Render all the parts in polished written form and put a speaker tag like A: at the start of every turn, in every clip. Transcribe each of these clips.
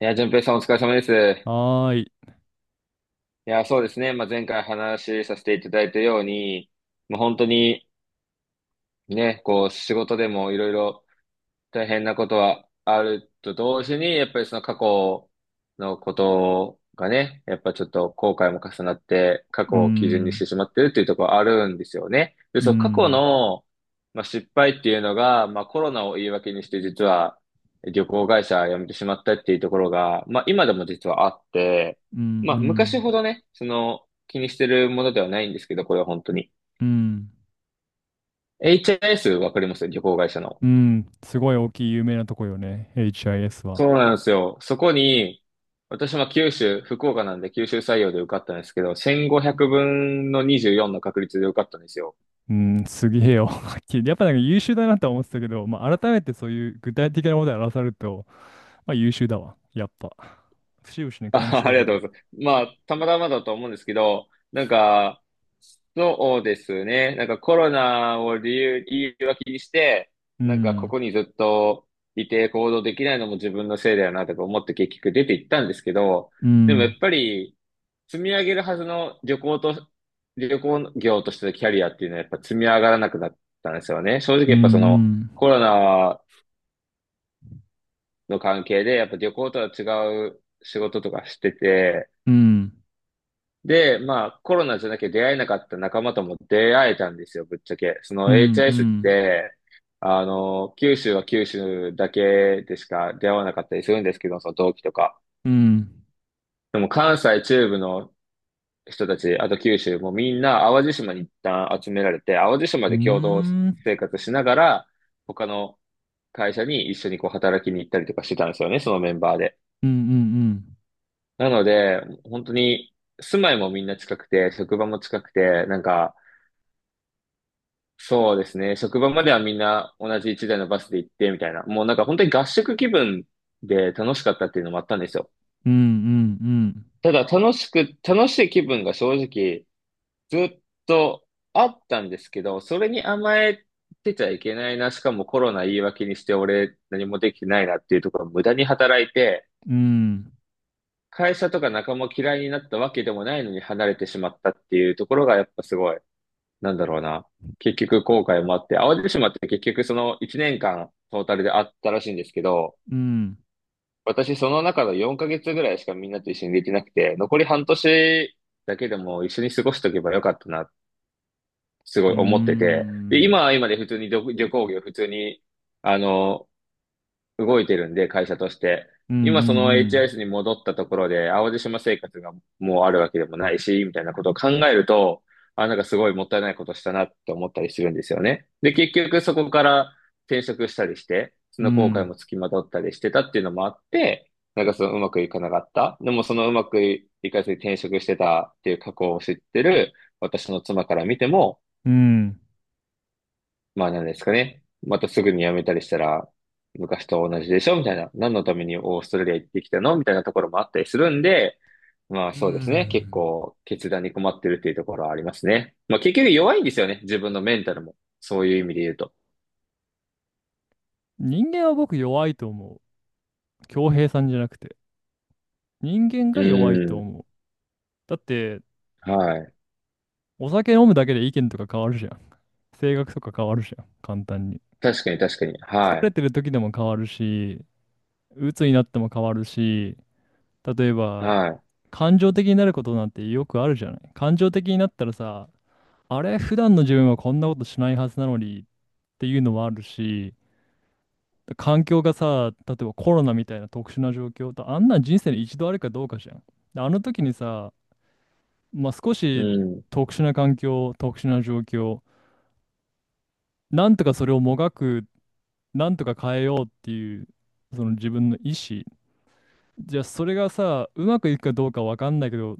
A: いや、淳平さんお疲れ様です。
B: はい、
A: いや、そうですね。まあ、前回話しさせていただいたように、まあ本当にね、こう仕事でもいろいろ大変なことはあると同時に、やっぱりその過去のことがね、やっぱちょっと後悔も重なって、過
B: う
A: 去を基準にし
B: ん、
A: てしまってるっていうところあるんですよね。で、
B: うん、う
A: その過去
B: ん、
A: の、まあ、失敗っていうのが、まあ、コロナを言い訳にして実は旅行会社辞めてしまったっていうところが、まあ、今でも実はあって、
B: う
A: まあ、
B: ん、
A: 昔ほどね、その気にしてるものではないんですけど、これは本当に。
B: うん、
A: HIS わかります旅行会社の。
B: うん、すごい大きい有名なとこよね、HIS は。
A: そうなんですよ。そこに、私は九州、福岡なんで九州採用で受かったんですけど、1500分の24の確率で受かったんですよ。
B: うん、すげえよ。やっぱり優秀だなって思ったけど、まあ改めてそういう具体的なことで表すると、まあ優秀だわ。やっぱ不思議不思議な感
A: あ、
B: じ
A: あ
B: だ
A: り
B: け
A: がとう
B: ど。
A: ございます。まあ、たまたまだと思うんですけど、なんか、そうですね。なんかコロナを理由はにして、
B: う
A: なんかこ
B: ん、
A: こにずっといて行動できないのも自分のせいだよなとか思って結局出て行ったんですけど、
B: う
A: でもやっ
B: ん、
A: ぱり、積み上げるはずの旅行と、旅行業としてのキャリアっていうのはやっぱ積み上がらなくなったんですよね。正直
B: うん、
A: やっぱそ
B: う
A: の
B: ん、
A: コロナの関係でやっぱ旅行とは違う仕事とかしてて、
B: うん、
A: で、まあコロナじゃなきゃ出会えなかった仲間とも出会えたんですよ、ぶっちゃけ。そ
B: う
A: の
B: ん、う
A: HIS っ
B: ん、
A: て、あの、九州は九州だけでしか出会わなかったりするんですけど、その同期とか。
B: うん、うん、
A: でも関西中部の人たち、あと九州もみんな淡路島に一旦集められて、淡路島
B: う
A: で共同
B: ん、
A: 生活しながら、他の会社に一緒にこう働きに行ったりとかしてたんですよね、そのメンバーで。
B: うん、うん、
A: なので、本当に住まいもみんな近くて、職場も近くて、なんか、そうですね、職場まではみんな同じ一台のバスで行ってみたいな、もうなんか本当に合宿気分で楽しかったっていうのもあったんですよ。
B: うん、うん、うん、
A: ただ楽しい気分が正直、ずっとあったんですけど、それに甘えてちゃいけないな、しかもコロナ言い訳にして俺何もできてないなっていうところを無駄に働い
B: うん、うん、うん、うん、
A: て、
B: うん、
A: 会社とか仲間嫌いになったわけでもないのに離れてしまったっていうところがやっぱすごい、なんだろうな。結局後悔もあって、淡路島って結局その1年間トータルであったらしいんですけど、
B: うん。
A: 私その中の4ヶ月ぐらいしかみんなと一緒にできなくて、残り半年だけでも一緒に過ごしとけばよかったなすご
B: うー
A: い思ってて、で、
B: ん。
A: 今は今で普通に旅行業普通に、あの、動いてるんで、会社として。
B: うんう
A: 今その
B: ん
A: HIS に戻ったところで、淡路島生活がもうあるわけでもないし、みたいなことを考えると、あ、なんかすごいもったいないことしたなって思ったりするんですよね。で、結局そこから転職したりして、そ
B: う
A: の後悔
B: ん。
A: も付きまとったりしてたっていうのもあって、なんかそのうまくいかなかった。でもそのうまくいかずに転職してたっていう過去を知ってる私の妻から見ても、
B: うん。
A: まあなんですかね。またすぐに辞めたりしたら、昔と同じでしょみたいな。何のためにオーストラリア行ってきたのみたいなところもあったりするんで、まあ
B: う
A: そうですね。結
B: ん。
A: 構決断に困ってるっていうところはありますね。まあ結局弱いんですよね。自分のメンタルも。そういう意味で言うと。
B: 人間は僕弱いと思う。恭平さんじゃなくて。人間
A: う
B: が弱いと
A: ん。
B: 思う。だって、
A: はい。
B: お酒飲むだけで意見とか変わるじゃん。性格とか変わるじゃん。簡単に。
A: 確かに確かに。
B: 疲
A: は
B: れ
A: い。
B: てる時でも変わるし、鬱になっても変わるし、例えば、
A: は
B: 感情的になることなんてよくあるじゃない。感情的になったらさ、あれ、普段の自分はこんなことしないはずなのにっていうのもあるし、環境がさ、例えばコロナみたいな特殊な状況と、あんなん人生に一度あるかどうかじゃん。であの時にさ、まあ、少
A: い。う
B: し
A: ん。
B: 特殊な環境、特殊な状況、なんとかそれをもがく、なんとか変えようっていう、その自分の意思。じゃあそれがさ、うまくいくかどうかわかんないけど、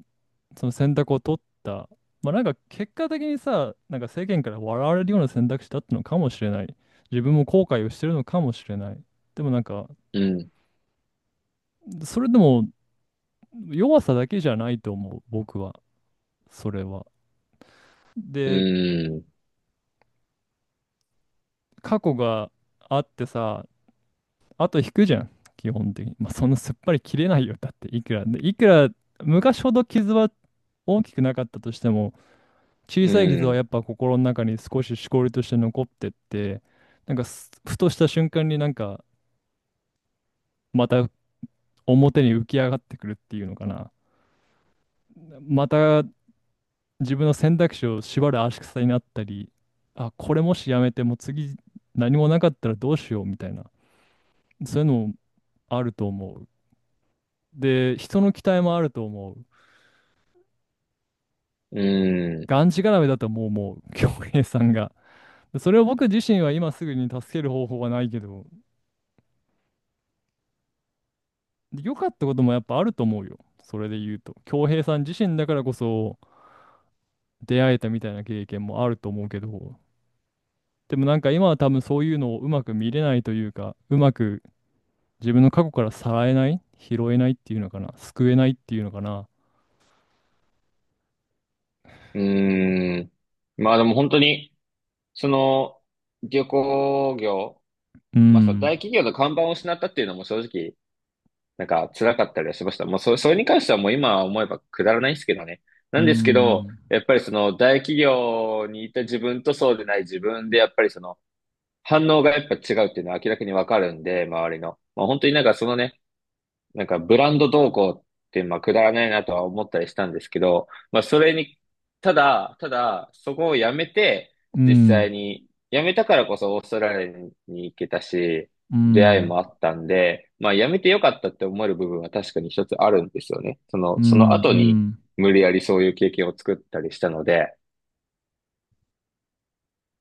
B: その選択を取った。まあなんか結果的にさ、なんか世間から笑われるような選択肢だったのかもしれない。自分も後悔をしてるのかもしれない。でもなんか、
A: うん。
B: それでも、弱さだけじゃないと思う、僕は、それは。
A: う
B: で、
A: ん。
B: 過去があってさ、あと引くじゃん、基本的に。まあ、そんなすっぱり切れないよ、だって、いくら。で、いくら、昔ほど傷は大きくなかったとしても、小
A: う
B: さい傷はや
A: ん。
B: っぱ心の中に少ししこりとして残ってって、なんかふとした瞬間になんか、また表に浮き上がってくるっていうのかな。また自分の選択肢を縛る足草になったり、あ、これもしやめてもう次何もなかったらどうしようみたいな、そういうのもあると思う。で、人の期待もあると思う。
A: うん。
B: がんじがらめだともう、恭平さんが。でそれを僕自身は今すぐに助ける方法はないけど、良かったこともやっぱあると思うよ。それで言うと。恭平さん自身だからこそ出会えたみたいな経験もあると思うけど、でもなんか今は多分そういうのをうまく見れないというか、うまく自分の過去からさらえない、拾えないっていうのかな、救えないっていうのかな。
A: うん。まあでも本当に、その、旅行業
B: う
A: まあさ、
B: ん、
A: 大企業の看板を失ったっていうのも正直、なんか辛かったりはしました。もうそ、それに関してはもう今思えばくだらないんですけどね。
B: う
A: なんですけど、
B: ん、
A: やっぱりその大企業にいた自分とそうでない自分で、やっぱりその反応がやっぱ違うっていうのは明らかにわかるんで、周りの。まあ本当になんかそのね、なんかブランド動向って、まあ、くだらないなとは思ったりしたんですけど、まあ、それに、ただそこをやめて、
B: う
A: 実際
B: ん、
A: に、やめたからこそオーストラリアに行けたし、
B: う
A: 出会い
B: ん、
A: もあったんで、まあ、やめてよかったって思える部分は確かに一つあるんですよね。そ
B: う
A: の、その後に、
B: ん、
A: 無理やりそういう経験を作ったりしたので、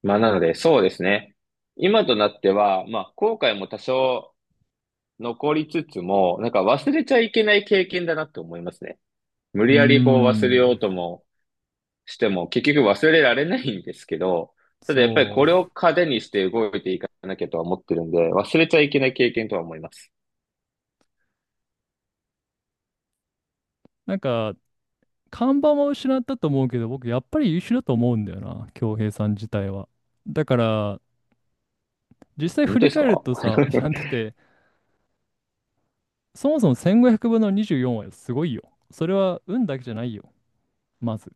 A: まあ、なので、そうですね。今となっては、まあ、後悔も多少残りつつも、なんか忘れちゃいけない経験だなって思いますね。無
B: う
A: 理やりこう忘れよう
B: ん、
A: ともしても、結局忘れられないんですけど、ただやっぱり
B: そ
A: これ
B: う。
A: を糧にして動いていかなきゃとは思ってるんで、忘れちゃいけない経験とは思います。
B: なんか、看板は失ったと思うけど、僕やっぱり優秀だと思うんだよな、恭平さん自体は。だから、実際
A: 本
B: 振
A: 当で
B: り
A: す
B: 返る
A: か？
B: とさ、いや、だっ て、そもそも1500分の24はすごいよ。それは運だけじゃないよ、まず。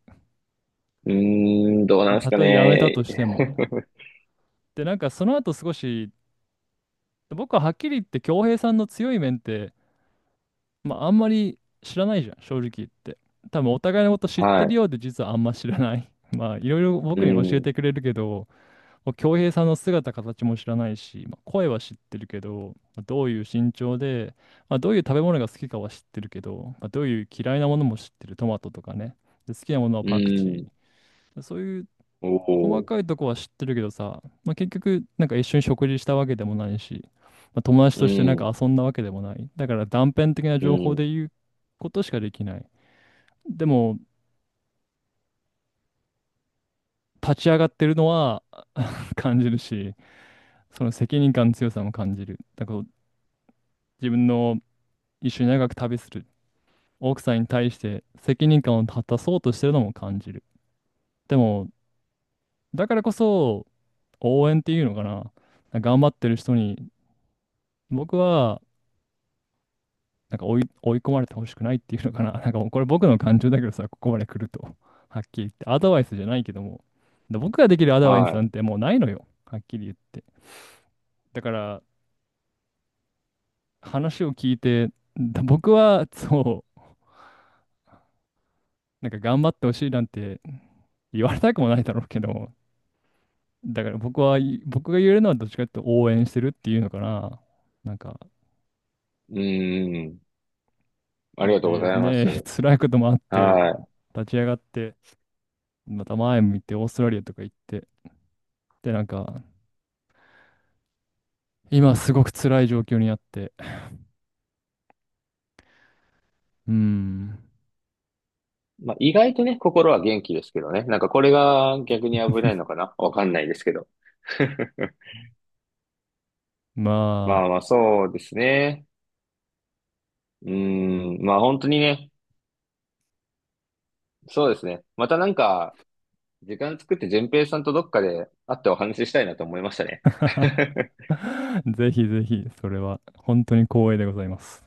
A: うーん、どうなんです
B: た
A: か
B: とえやめたと
A: ね。
B: しても。で、なんかその後少し僕ははっきり言って恭平さんの強い面って、まあ、あんまり知らないじゃん正直言って、多分お互いのこと 知ってる
A: は
B: ようで実はあんま知らない まあいろいろ
A: い。う
B: 僕に教え
A: ん、
B: てくれるけど、もう恭平さんの姿形も知らないし、まあ、声は知ってるけど、まあどういう身長で、まあ、どういう食べ物が好きかは知ってるけど、まあ、どういう嫌いなものも知ってる、トマトとかね、で好きなものは
A: う
B: パクチ
A: ん、
B: ー、そういう
A: お
B: 細
A: お、
B: かいとこは知ってるけどさ、まあ、結局、なんか一緒に食事したわけでもないし、まあ、友達
A: う
B: としてなんか
A: ん、
B: 遊んだわけでもない。だから断片的な
A: う
B: 情報
A: ん、
B: で言うことしかできない。でも、立ち上がってるのは 感じるし、その責任感の強さも感じる。だから自分の、一緒に長く旅する奥さんに対して責任感を果たそうとしてるのも感じる。でも、だからこそ応援っていうのかな。頑張ってる人に僕はなんか追い込まれてほしくないっていうのかな。なんかもうこれ僕の感情だけどさ、ここまで来ると。はっきり言って。アドバイスじゃないけども。で僕ができるアドバイス
A: は
B: なんてもうないのよ。はっきり言って。だから、話を聞いて、だ僕は、そう、なんか頑張ってほしいなんて言われたくもないだろうけど、だから僕は、僕が言えるのはどっちかというと応援してるっていうのかな。なんか、
A: い、うん、ありがとうご
B: で、
A: ざいま
B: ね、
A: す。
B: 辛いこともあって、
A: はい。
B: 立ち上がって、また前向いてオーストラリアとか行って、で、なんか、今すごく辛い状況にあって。うん。
A: まあ、意外とね、心は元気ですけどね。なんかこれが逆に危ないのかなわかんないですけど。ま
B: ま
A: あまあ、そうですね。うーん、まあ本当にね、そうですね。またなんか、時間作って順平さんとどっかで会ってお話ししたいなと思いましたね。
B: あ ぜひぜひ、それは本当に光栄でございます。